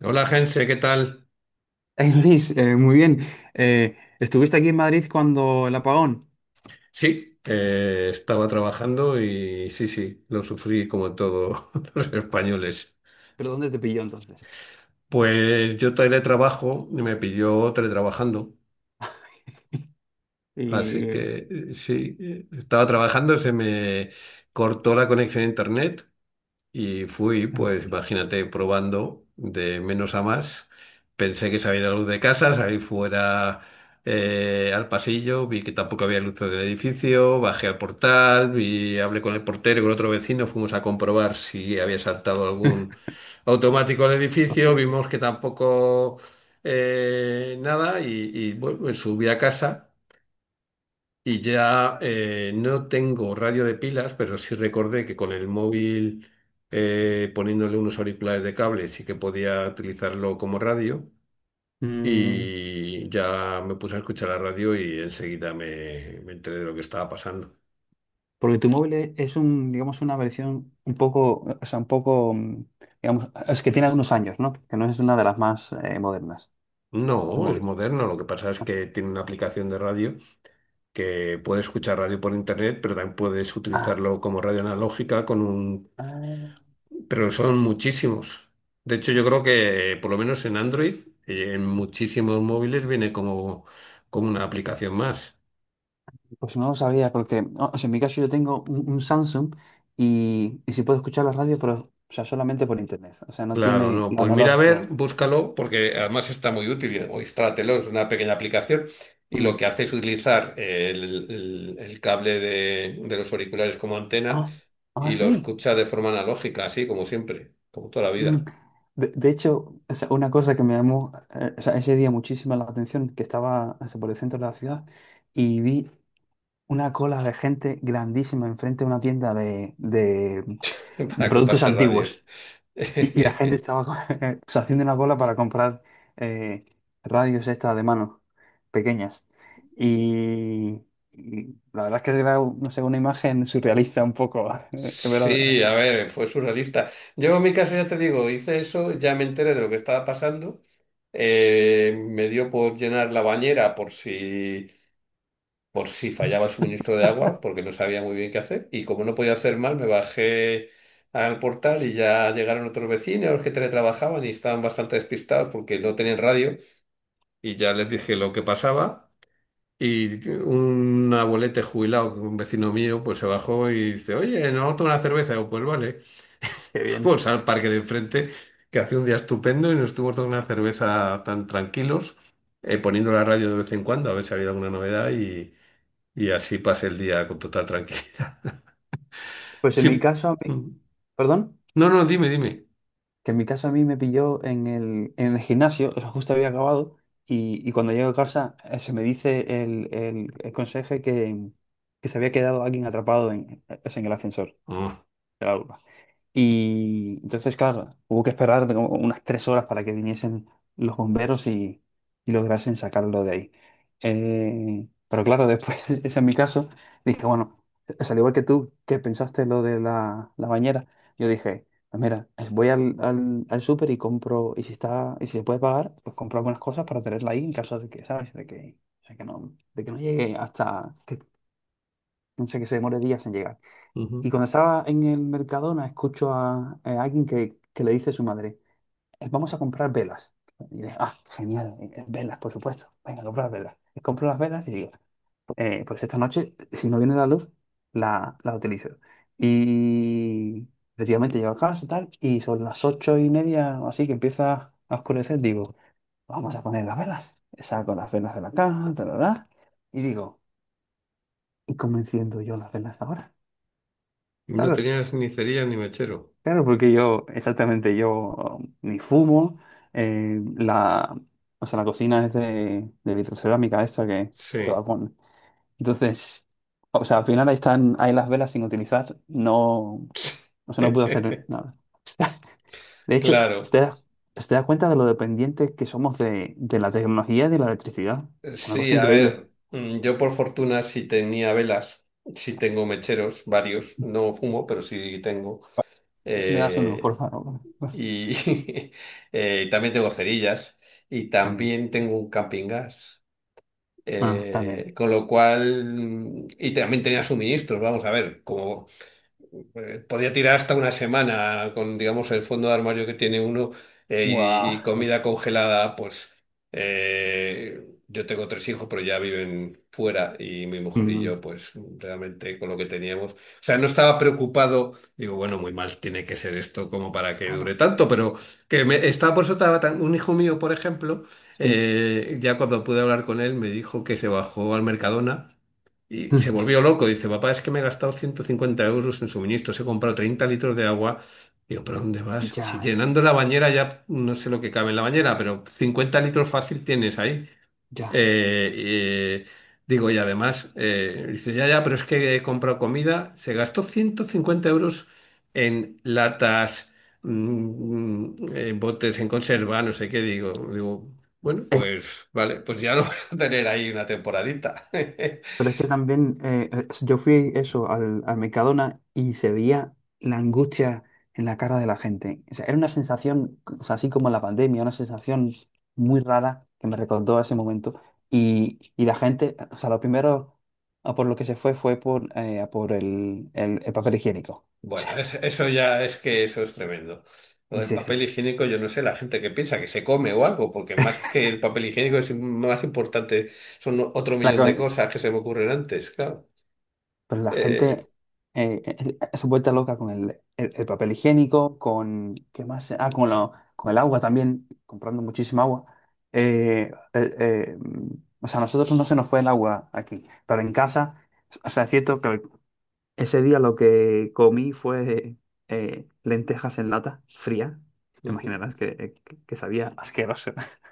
Hola, Jense, ¿qué tal? Hey Luis, muy bien. Estuviste aquí en Madrid cuando el apagón, Sí, estaba trabajando y sí, sí, lo sufrí como todos los españoles. pero ¿dónde te pilló entonces? Pues yo teletrabajo, y me pilló teletrabajando, así Y. que sí, estaba trabajando, se me cortó la conexión a internet. Y fui, pues imagínate, probando de menos a más. Pensé que se había ido la luz de casa, salí fuera al pasillo, vi que tampoco había luz del edificio, bajé al portal, vi, hablé con el portero y con otro vecino, fuimos a comprobar si había saltado algún automático al Los edificio, vimos planes. que tampoco nada y bueno, me subí a casa. Y ya no tengo radio de pilas, pero sí recordé que con el móvil poniéndole unos auriculares de cable sí que podía utilizarlo como radio. Mm, Y ya me puse a escuchar la radio y enseguida me enteré de lo que estaba pasando. porque tu móvil es un, digamos, una versión un poco, o sea, un poco, digamos, es que tiene algunos años, ¿no? Que no es una de las más modernas, tu No, es móvil. moderno. Lo que pasa es que tiene una aplicación de radio que puedes escuchar radio por internet, pero también puedes Ah, utilizarlo como radio analógica con un. ah, Pero son muchísimos. De hecho, yo creo que por lo menos en Android, en muchísimos móviles viene como, como una aplicación más. pues no lo sabía, porque, o sea, en mi caso yo tengo un Samsung y sí puedo escuchar la radio, pero, o sea, solamente por internet, o sea, no Claro, tiene no. lo Pues mira, a ver, analógico. búscalo, porque además está muy útil. O instrálatelo, es una pequeña aplicación. Y lo que hace es utilizar el cable de los auriculares como antena Ah, ah, y lo sí. escucha de forma analógica, así como siempre, como toda la Mm. vida, De hecho, o sea, una cosa que me llamó, o sea, ese día muchísima la atención, que estaba, o sea, por el centro de la ciudad y vi una cola de gente grandísima enfrente de una tienda de para productos comprarse radio. antiguos. Y la gente estaba o sea, haciendo una cola para comprar, eh, radios estas de mano, pequeñas. Y, y la verdad es que era, no sé, una imagen surrealista un poco. Qué Sí, a ver, fue surrealista. Yo en mi caso ya te digo, hice eso, ya me enteré de lo que estaba pasando. Me dio por llenar la bañera por si fallaba el suministro de agua, porque no sabía muy bien qué hacer. Y como no podía hacer mal, me bajé al portal y ya llegaron otros vecinos que teletrabajaban y estaban bastante despistados porque no tenían radio. Y ya les dije lo que pasaba. Y un abuelete jubilado, un vecino mío, pues se bajó y dice, oye, ¿no tomo una cerveza? Y yo, pues vale. bien. Fuimos al parque de enfrente, que hacía un día estupendo, y nos estuvimos tomando una cerveza tan tranquilos, poniendo la radio de vez en cuando a ver si había alguna novedad y así pasé el día con total tranquilidad. Pues en mi Sí. caso, Mm. perdón, No, no, dime, dime. que en mi casa a mí me pilló en el gimnasio, eso justo había acabado, y cuando llego a casa, se me dice el, el conserje que se había quedado alguien atrapado en el ascensor Ah, de la urba. Y entonces, claro, hubo que esperar como unas 3 horas para que viniesen los bomberos y lograsen sacarlo de ahí. Pero claro, después, ese es mi caso, dije, bueno, es al igual que tú, que pensaste lo de la bañera, yo dije, "Pues mira, voy al súper y compro, y si está, y si se puede pagar, pues compro algunas cosas para tenerla ahí en caso de que, ¿sabes? De que, o sea, que no, de que no llegue hasta que, no sé, que se demore días en llegar". Y ujú. cuando estaba en el Mercadona, escucho a alguien que le dice a su madre, Vamos a comprar velas". Y digo, ah, genial, velas, por supuesto. Venga, a comprar velas. Y compro las velas y digo, Pues esta noche, si no viene la luz, la utilizo". Y efectivamente llego a casa y tal, y son las 8:30 o así, que empieza a oscurecer, digo, vamos a poner las velas. Saco las velas de la caja, tal, tal, tal, y digo, ¿y cómo enciendo yo las velas ahora? No Claro, tenías ni cerilla ni mechero. claro, porque yo, exactamente, yo ni fumo, eh, la, o sea, la cocina es de vitrocerámica esta que va Sí. con. Entonces, o sea, al final ahí están, ahí las velas sin utilizar, no, o sea, no puedo hacer nada. De hecho, Claro. ¿usted da, usted da cuenta de lo dependientes que somos de la tecnología y de la electricidad? Es una Sí, cosa a increíble. ver, yo por fortuna sí tenía velas, sí tengo mecheros, varios, no fumo, pero sí tengo. A ver si me das uno, Eh, por favor. Y y también tengo cerillas y También. también tengo un camping gas. Ah, también. Con lo cual, y también tenía suministros, vamos a ver, como, podía tirar hasta una semana con, digamos, el fondo de armario que tiene uno eh, Guau. y comida congelada, pues yo tengo tres hijos, pero ya viven fuera y mi mujer y Mm, yo, pues realmente con lo que teníamos, o sea, no estaba preocupado, digo, bueno, muy mal tiene que ser esto como para que dure claro, tanto, pero que me estaba por eso estaba tan, un hijo mío, por ejemplo, sí. Ya cuando pude hablar con él, me dijo que se bajó al Mercadona. Y se volvió loco. Dice, papá, es que me he gastado 150 euros en suministros, he comprado 30 litros de agua. Digo, ¿pero dónde vas? Si Ya. llenando la bañera ya no sé lo que cabe en la bañera, pero 50 litros fácil tienes ahí. Ya. Eh, eh, Digo, y además, dice, ya, ya, pero es que he comprado comida. Se gastó 150 euros en latas, botes en conserva, no sé qué. Digo, bueno, Es- pues vale, pues ya lo vas a tener ahí una temporadita. pero es que también, yo fui eso al Mercadona y se veía la angustia en la cara de la gente. O sea, era una sensación, o sea, así como la pandemia, una sensación muy rara que me recordó a ese momento. Y la gente, o sea, lo primero a por lo que se fue fue por, a por el papel higiénico. Bueno, eso ya es que eso es tremendo. Lo O del sea, sí, sí. papel higiénico, yo no sé, la gente que piensa que se come o algo, porque más que el papel higiénico es más importante, son otro La, millón de co- cosas que se me ocurren antes, claro. Pero la Eh, gente se vuelta loca con el papel higiénico, con, ¿qué más? Ah, con, con el agua también, comprando muchísima agua. Eh, eh, eh, mm, o sea, a nosotros no se nos fue el agua aquí, pero en casa, o sea, es cierto que ese día lo que comí fue, lentejas en lata, fría. Te imaginarás que sabía asqueroso.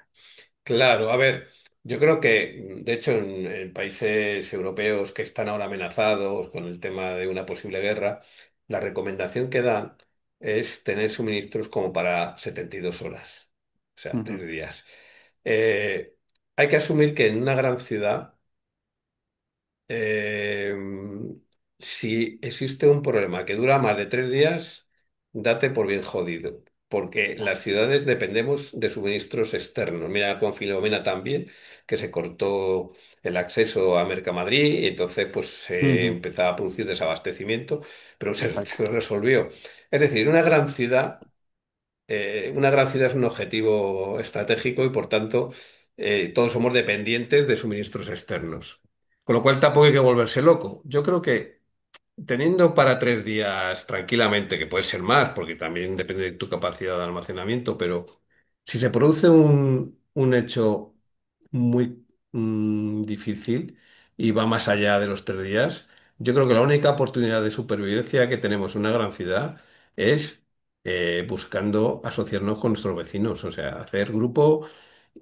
Claro, a ver, yo creo que, de hecho, en países europeos que están ahora amenazados con el tema de una posible guerra, la recomendación que dan es tener suministros como para 72 horas, o sea, tres Ujú, días. Eh, Hay que asumir que en una gran ciudad eh, si existe un problema que dura más de 3 días, date por bien jodido, porque ya. las ciudades dependemos de suministros externos. Mira con Filomena también, que se cortó el acceso a Mercamadrid y entonces pues se Ujú, empezaba a producir desabastecimiento, pero se, exacto. se resolvió. Es decir, una gran ciudad es un objetivo estratégico y por tanto todos somos dependientes de suministros externos. Con lo cual tampoco hay que volverse loco. Yo creo que teniendo para 3 días tranquilamente, que puede ser más, porque también depende de tu capacidad de almacenamiento, pero si se produce un hecho muy difícil y va más allá de los 3 días, yo creo que la única oportunidad de supervivencia que tenemos en una gran ciudad es buscando asociarnos con nuestros vecinos, o sea, hacer grupo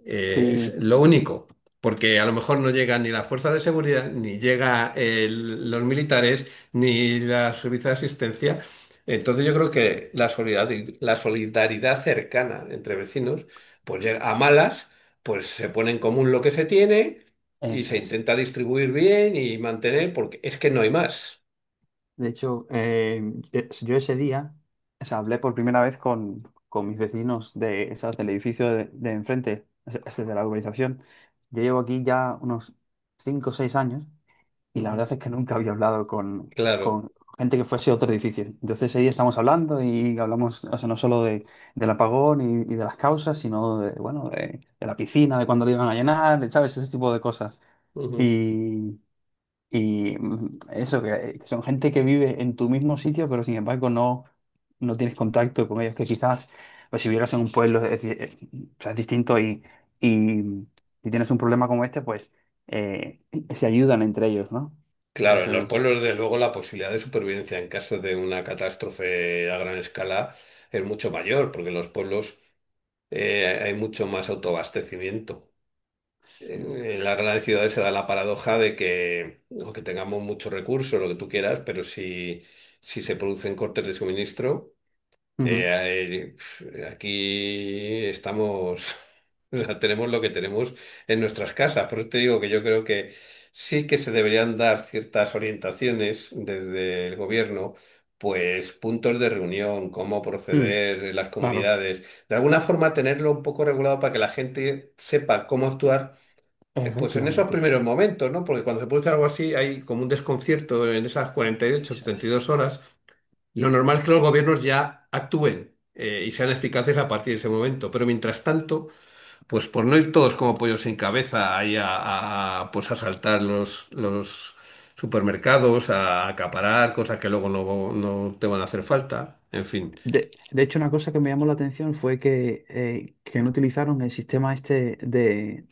es Sí, lo único. Porque a lo mejor no llegan ni las fuerzas de seguridad, ni llega los militares, ni la servicio de asistencia. Entonces yo creo que la solidaridad cercana entre vecinos, pues llega a malas, pues se pone en común lo que se tiene y eso se es. intenta distribuir bien y mantener, porque es que no hay más. De hecho, yo ese día, o sea, hablé por primera vez con mis vecinos de, ¿sabes?, del edificio de enfrente, es de la urbanización. Yo llevo aquí ya unos 5 o 6 años y la Ujú, verdad es que nunca había hablado con, claro, con gente que fuese otro edificio. Entonces ese día estamos hablando y hablamos, o sea, no solo del apagón y de las causas, sino bueno, de la piscina, de cuándo la iban a llenar, ¿sabes? Ese tipo de cosas. ujú. Y, eso, que son gente que vive en tu mismo sitio, pero sin embargo no tienes contacto con ellos, que quizás, pues si vivieras en un pueblo, o sea, es distinto y si tienes un problema como este, pues eh, se ayudan entre ellos, ¿no? Claro, en los Entonces. pueblos, desde luego, la posibilidad de supervivencia en caso de una catástrofe a gran escala es mucho mayor, porque en los pueblos hay mucho más autoabastecimiento. En las grandes ciudades se da la paradoja de que, aunque tengamos muchos recursos, lo que tú quieras, pero si, si se producen cortes de suministro, Ujú. Aquí estamos, o sea, tenemos lo que tenemos en nuestras casas. Por eso te digo que yo creo que sí que se deberían dar ciertas orientaciones desde el gobierno, pues puntos de reunión, cómo Mm, proceder en las claro. comunidades, de alguna forma tenerlo un poco regulado para que la gente sepa cómo actuar pues en esos Efectivamente, primeros momentos, ¿no? Porque cuando se produce algo así hay como un desconcierto en esas cuarenta y ocho, eso setenta y es. dos horas. Lo normal es que los gobiernos ya actúen y sean eficaces a partir de ese momento. Pero mientras tanto, pues por no ir todos como pollos sin cabeza ahí pues asaltar los supermercados, a acaparar cosas que luego no, no te van a hacer falta. En fin, De hecho, una cosa que me llamó la atención fue que no utilizaron el sistema este de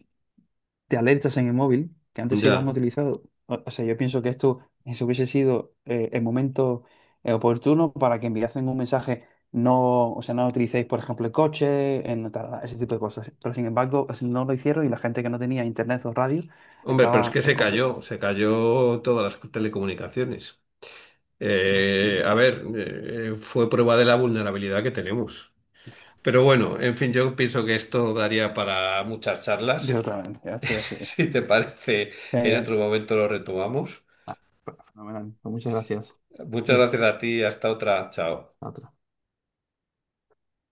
de alertas en el móvil, que antes sí lo han ya. utilizado. O sea, yo pienso que esto eso hubiese sido, el momento, oportuno para que enviasen un mensaje, no, o sea, no utilicéis, por ejemplo, el coche, ese tipo de cosas. Pero sin embargo, no lo hicieron y la gente que no tenía internet o radio Hombre, pero es estaba, que se cayó todas las telecomunicaciones. A ver, fue prueba de la vulnerabilidad que tenemos. o sea, Pero bueno, en fin, yo pienso que esto daría para muchas charlas. yo totalmente, así, así. Si te parece, en Genial. otro momento lo retomamos. Ah, fenomenal. Pues muchas gracias, Muchas Luis. gracias a ti, hasta otra, chao. Otra.